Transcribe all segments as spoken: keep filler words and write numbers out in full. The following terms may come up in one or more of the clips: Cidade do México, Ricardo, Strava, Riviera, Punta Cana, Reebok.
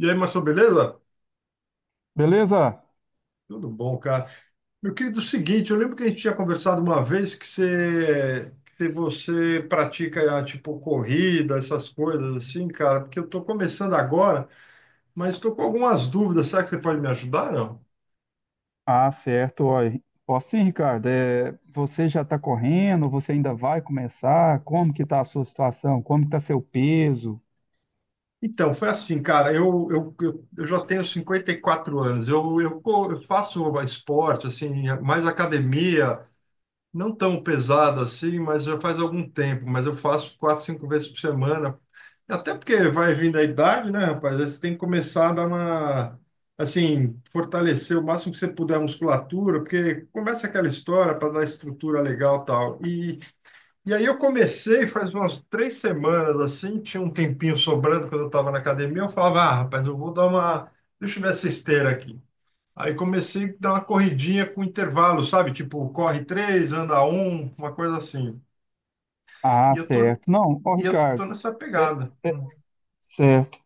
E aí, Marcelo, beleza? Beleza? Tudo bom, cara. Meu querido, é o seguinte, eu lembro que a gente tinha conversado uma vez que você, que você pratica, ah, tipo, corrida, essas coisas assim, cara, porque eu tô começando agora, mas tô com algumas dúvidas. Será que você pode me ajudar, não? Ah, certo. Olha, posso sim, Ricardo. É, você já está correndo? Você ainda vai começar? Como que está a sua situação? Como que está seu peso? Então, foi assim, cara, eu, eu, eu, eu já tenho cinquenta e quatro anos, eu, eu, co- eu faço esporte, assim, mais academia, não tão pesado assim, mas já faz algum tempo, mas eu faço quatro, cinco vezes por semana. Até porque vai vindo a idade, né, rapaz? Aí você tem que começar a dar uma, assim, fortalecer o máximo que você puder a musculatura, porque começa aquela história para dar estrutura legal e tal. E, e aí eu comecei faz umas três semanas, assim, tinha um tempinho sobrando quando eu estava na academia, eu falava, ah, rapaz, eu vou dar uma, deixa eu ver essa esteira aqui. Aí comecei a dar uma corridinha com intervalo, sabe? Tipo, corre três, anda um, uma coisa assim. E Ah, eu tô, certo. Não, ó, e eu tô Ricardo. nessa é, pegada. é, certo.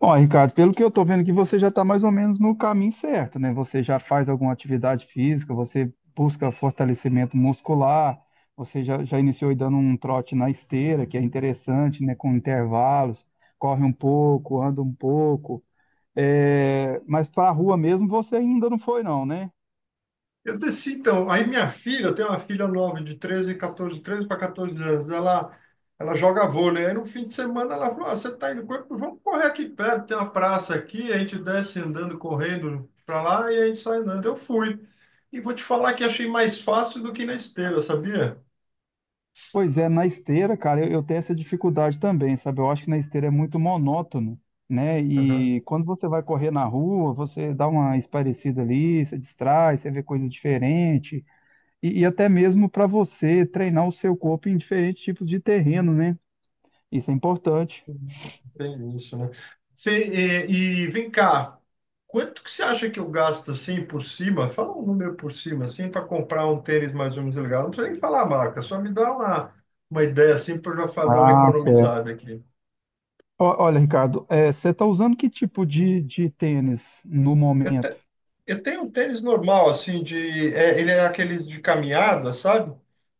Ó, Ricardo, pelo que eu estou vendo que você já está mais ou menos no caminho certo, né? Você já faz alguma atividade física, você busca fortalecimento muscular, você já, já iniciou aí dando um trote na esteira, que é interessante, né? Com intervalos, corre um pouco, anda um pouco. É, mas para a rua mesmo você ainda não foi, não, né? Eu desci, então. Aí minha filha, eu tenho uma filha nova de treze, catorze, treze para catorze anos. Ela, ela joga vôlei. Aí no fim de semana ela falou: ah, você está indo correr? Vamos correr aqui perto, tem uma praça aqui. A gente desce andando, correndo para lá e a gente sai andando. Eu fui. E vou te falar que achei mais fácil do que na esteira, sabia? Pois é, na esteira, cara, eu, eu tenho essa dificuldade também, sabe? Eu acho que na esteira é muito monótono, né? E quando você vai correr na rua, você dá uma espairecida ali, você distrai, você vê coisas diferentes. E, e até mesmo para você treinar o seu corpo em diferentes tipos de terreno, né? Isso é importante. Tem isso, né? Cê, e, e vem cá, quanto que você acha que eu gasto assim por cima? Fala um número por cima, assim, para comprar um tênis mais ou menos legal. Não precisa nem falar a marca, só me dá uma, uma ideia assim para eu já fa- dar uma Ah, certo. economizada aqui. Ó- Olha, Ricardo, é, você está usando que tipo de, de tênis no Eu, momento? te- eu tenho um tênis normal, assim, de. É, ele é aquele de caminhada, sabe?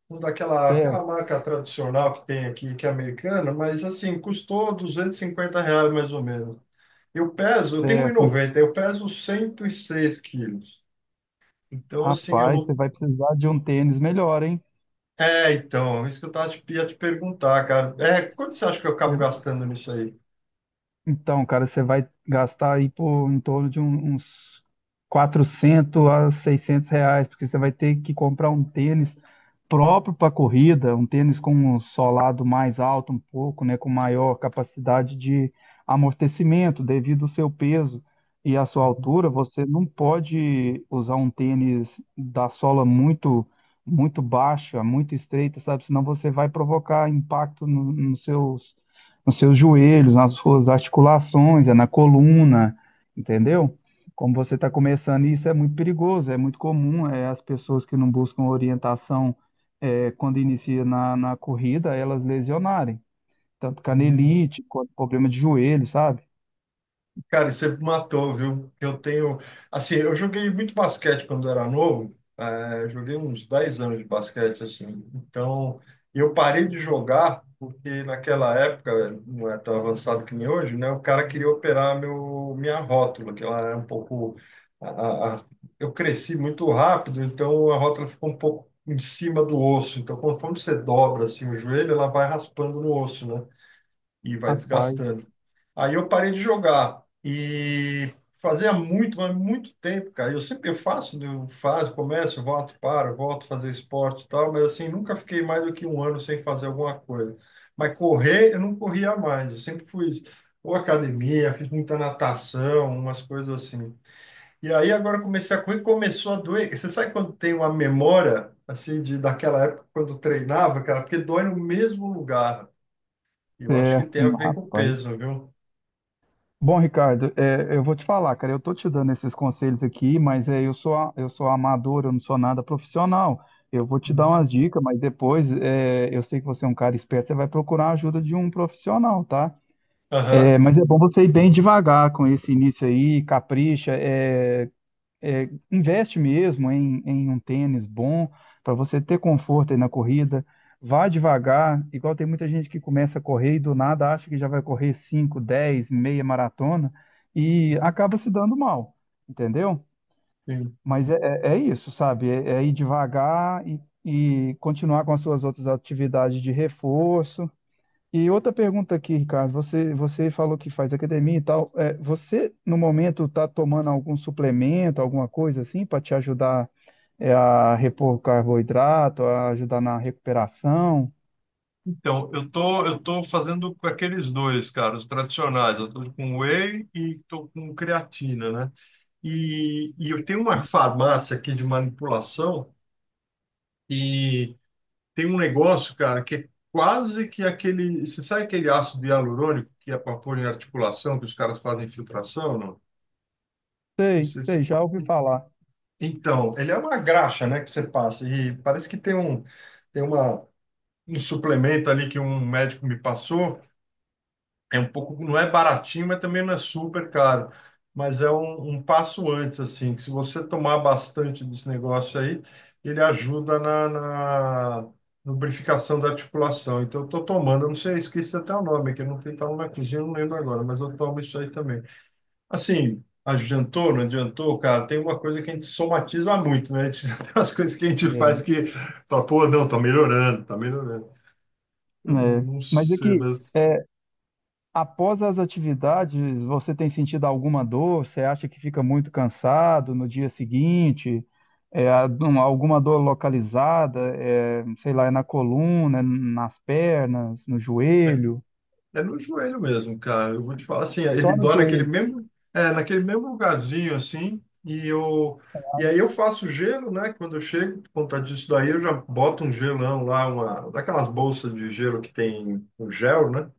Um daquela aquela Certo. marca tradicional que tem aqui, que é americana, mas assim, custou duzentos e cinquenta reais mais ou menos. Eu peso, eu tenho um e noventa, eu peso cento e seis quilos. Então, assim, eu Rapaz, você não. vai precisar de um tênis melhor, hein? É, então, isso que eu tava te, ia te perguntar, cara. É, quanto você acha que eu acabo Você gastando nisso aí? então, cara, você vai gastar aí por em torno de um- uns quatrocentos a seiscentos reais, porque você vai ter que comprar um tênis próprio para corrida, um tênis com um solado mais alto um pouco, né, com maior capacidade de amortecimento devido ao seu peso e à sua altura. Você não pode usar um tênis da sola muito muito baixa, muito estreita, sabe? Senão você vai provocar impacto no, nos seus nos seus joelhos, nas suas articulações, é na coluna, entendeu? Como você está começando, isso é muito perigoso, é muito comum, é, as pessoas que não buscam orientação é, quando inicia na, na corrida, elas lesionarem, tanto canelite, quanto problema de joelho, sabe? Cara, você me matou, viu? Eu tenho. Assim, eu joguei muito basquete quando era novo. eh, joguei uns dez anos de basquete, assim. Então, eu parei de jogar porque naquela época, não é tão avançado que nem hoje, né? O cara queria operar meu, minha rótula, que ela é um pouco. a- a- a- eu cresci muito rápido, então a rótula ficou um pouco em cima do osso. Então, conforme você dobra assim, o joelho, ela vai raspando no osso, né? E vai Rapaz, desgastando. Aí eu parei de jogar e fazia muito, mas muito tempo, cara. Eu sempre eu faço, né, eu faço, começo, volto, paro, volto a fazer esporte e tal, mas assim, nunca fiquei mais do que um ano sem fazer alguma coisa. Mas correr, eu não corria mais. Eu sempre fui ou academia, fiz muita natação, umas coisas assim. E aí agora eu comecei a correr, e começou a doer. Você sabe quando tem uma memória assim de daquela época quando eu treinava, cara, porque dói no mesmo lugar. E eu acho que certo, tem a ver com o rapaz. peso, viu? Bom, Ricardo, é, eu vou te falar, cara, eu tô te dando esses conselhos aqui, mas é, eu sou, a- eu sou amador, eu não sou nada profissional. Eu vou te dar Uhum. umas dicas, mas depois é, eu sei que você é um cara esperto, você vai procurar a ajuda de um profissional, tá? Aham. É, mas é bom você ir bem devagar com esse início aí, capricha. é, é, investe mesmo em, em um tênis bom para você ter conforto aí na corrida. Vá devagar, igual tem muita gente que começa a correr e do nada acha que já vai correr cinco, dez, meia maratona e acaba se dando mal, entendeu? Sim. Mas é, é- é isso, sabe? É, é ir devagar e, e continuar com as suas outras atividades de reforço, e outra pergunta aqui, Ricardo. Você, você falou que faz academia e tal. É, você, no momento, está tomando algum suplemento, alguma coisa assim, para te ajudar, é, a repor carboidrato, a ajudar na recuperação? Então, eu tô, eu tô fazendo com aqueles dois, cara, os tradicionais. Eu tô com whey e tô com creatina, né? E, e eu tenho uma farmácia aqui de manipulação e tem um negócio, cara, que é quase que aquele... Você sabe aquele ácido hialurônico que é para pôr em articulação, que os caras fazem infiltração, não? Não Sei, sei sei, se... já ouvi falar. Então, ele é uma graxa, né, que você passa. E parece que tem um, tem uma, um suplemento ali que um médico me passou. É um pouco, não é baratinho, mas também não é super caro. Mas é um, um passo antes, assim, que se você tomar bastante desse negócio aí, ele ajuda na, na lubrificação da articulação. Então, eu estou tomando, eu não sei, esqueci até o nome, que eu não tenho, tá na cozinha, eu não lembro agora, mas eu tomo isso aí também. Assim, adiantou, não adiantou, cara, tem uma coisa que a gente somatiza muito, né? A gente tem umas coisas que a gente faz É, que, fala, pô, não, tá melhorando, tá melhorando. Eu não, é. não Mas sei, aqui, mas. após as atividades, você tem sentido alguma dor? Você acha que fica muito cansado no dia seguinte? É, algum- alguma dor localizada? É, sei lá, é na coluna, é nas pernas, no joelho? É no joelho mesmo, cara. Eu vou te falar assim, ele Só no dói naquele joelho, mesmo, é, naquele mesmo lugarzinho assim, e eu e aí eu faço gelo, né? Quando eu chego, por conta disso daí, eu já boto um gelão lá, uma daquelas bolsas de gelo que tem o gel, né?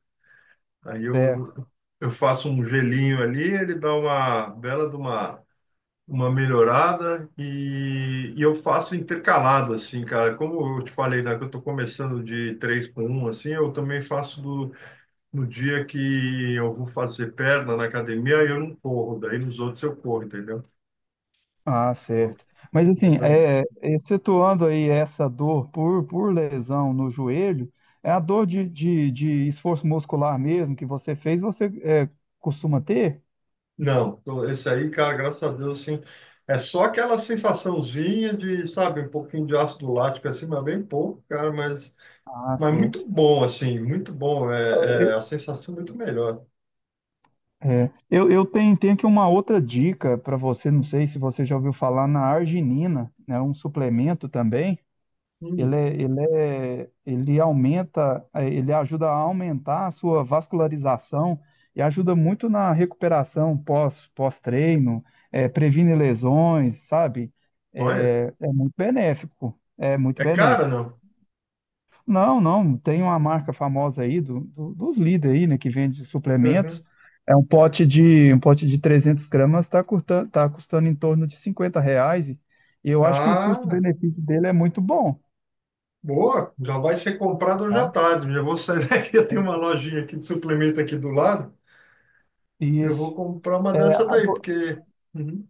Aí certo? eu eu faço um gelinho ali, ele dá uma bela de uma uma melhorada e, e eu faço intercalado assim, cara. Como eu te falei, né, que eu tô começando de três com um assim, eu também faço do no dia que eu vou fazer perna na academia, aí eu não corro, daí nos outros eu corro, entendeu? Ah, Tô- certo. Mas tô assim, dando- é, excetuando aí essa dor por, por lesão no joelho, é a dor de, de, de esforço muscular mesmo que você fez, você é, costuma ter? Não, tô- esse aí, cara, graças a Deus, assim, é só aquela sensaçãozinha de, sabe, um pouquinho de ácido lático, assim, mas bem pouco, cara, mas, Ah, mas certo. muito bom, assim, muito bom, é, é a sensação é muito melhor. É, eu, eu tenho, tenho aqui uma outra dica para você, não sei se você já ouviu falar na arginina, né, um suplemento também. Ele, Hum, é- ele, é- ele aumenta, eh, ele ajuda a aumentar a sua vascularização e ajuda muito na recuperação pós, pós-treino, eh, previne lesões, sabe? olha, É, é muito benéfico, é muito é cara, benéfico. não? Não, não, tem uma marca famosa aí do, do- dos líder aí, né, que vende suplementos. Uhum. É um pote de um pote de 300 gramas está custando, tá custando em torno de cinquenta reais e eu acho que o Ah, custo-benefício dele é muito bom, boa, já vai ser comprado hoje à tá? tarde, já vou sair daqui, eu tenho É, uma lojinha aqui de suplemento aqui do lado. Eu vou isso. comprar uma É, dessa a- daí, po- porque uhum,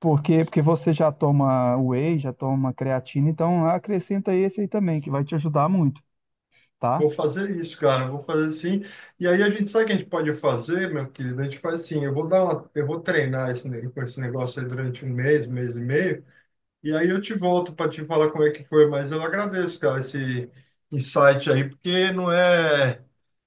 por quê? Porque você já toma whey, já toma creatina, então acrescenta esse aí também, que vai te ajudar muito, tá? vou fazer isso, cara. Vou fazer sim. E aí a gente sabe o que a gente pode fazer, meu querido? A gente faz assim, eu vou dar uma, eu vou treinar esse, ne- com esse negócio aí durante um mês, mês e meio, e aí eu te volto para te falar como é que foi, mas eu agradeço, cara, esse insight aí, porque não é.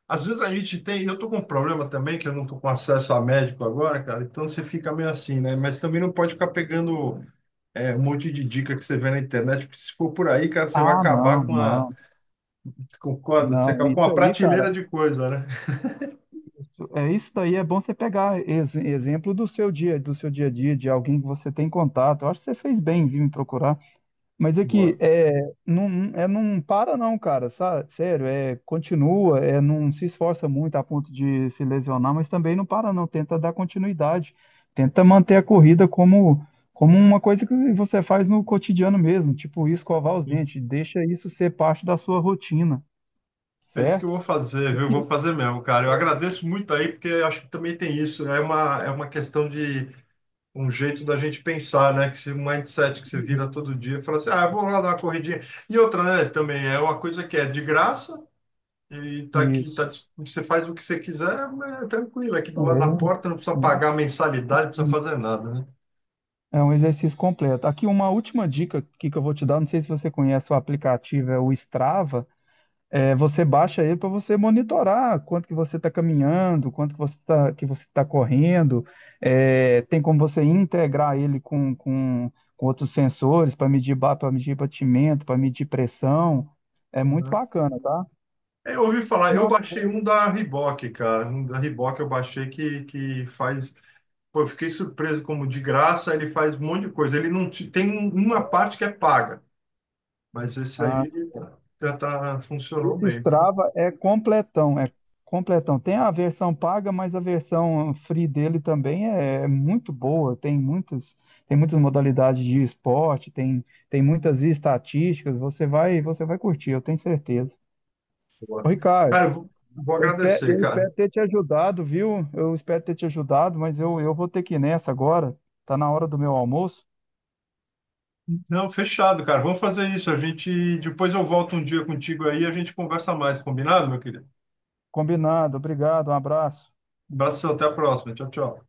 Às vezes a gente tem, eu tô com um problema também, que eu não tô com acesso a médico agora, cara, então você fica meio assim, né? Mas também não pode ficar pegando. É, um monte de dica que você vê na internet, porque se for por aí, cara, você vai Ah, não, acabar com a, não, concorda? Você não. acaba com Isso uma aí, cara, prateleira de coisa, né? é, isso daí é bom você pegar ex- exemplo do seu dia, do seu dia a dia, de alguém que você tem contato. Eu acho que você fez bem em vir me procurar. Mas é que Boa. é, não, é, não para não, cara, sabe? Sério, é, continua, é, não se esforça muito a ponto de se lesionar, mas também não para não, tenta dar continuidade, tenta manter a corrida como, como uma coisa que você faz no cotidiano mesmo, tipo escovar os Sim. dentes, deixa isso ser parte da sua rotina, É isso que eu certo? vou fazer, viu? Eu vou fazer mesmo, cara. Eu agradeço muito aí, porque eu acho que também tem isso, né? É uma, é uma questão de um jeito da gente pensar, né? Que esse mindset que você Isso. vira todo dia, fala assim, ah, eu vou lá dar uma corridinha. E outra, né, também é uma coisa que é de graça e tá aqui, tá, Isso. dis- você faz o que você quiser, é tranquilo, aqui do lado da porta, não precisa É. pagar mensalidade, não precisa fazer nada, né? É um exercício completo. Aqui uma última dica que que eu vou te dar, não sei se você conhece o aplicativo, é o Strava. É, você baixa ele para você monitorar quanto que você está caminhando, quanto que você está que você tá correndo. É, tem como você integrar ele com, com, com outros sensores para medir para medir batimento, para medir pressão. É muito Uhum. bacana, tá? É, eu ouvi O falar, meu eu amigo baixei um é isso. da Reebok, cara. Um da Reebok eu baixei que, que faz. Pô, eu fiquei surpreso como de graça ele faz um monte de coisa. Ele não te- tem um- uma parte que é paga, mas esse Ah, aí ele tá- já tá, funcionou esse bem. Strava é completão, é completão. Tem a versão paga, mas a versão free dele também é é muito boa. Tem muitos, tem muitas modalidades de esporte, tem, tem muitas estatísticas. Você vai, você vai curtir, eu tenho certeza. Ô, Boa. Ricardo, Cara, eu vou, vou eu espero, agradecer, eu cara. espero ter te ajudado, viu? Eu espero ter te ajudado, mas eu, eu vou ter que ir nessa agora. Tá na hora do meu almoço. Não, fechado, cara. Vamos fazer isso. A gente depois eu volto um dia contigo aí e a gente conversa mais, combinado, meu querido? Combinado, obrigado, um abraço. Um abraço, até a próxima. Tchau, tchau.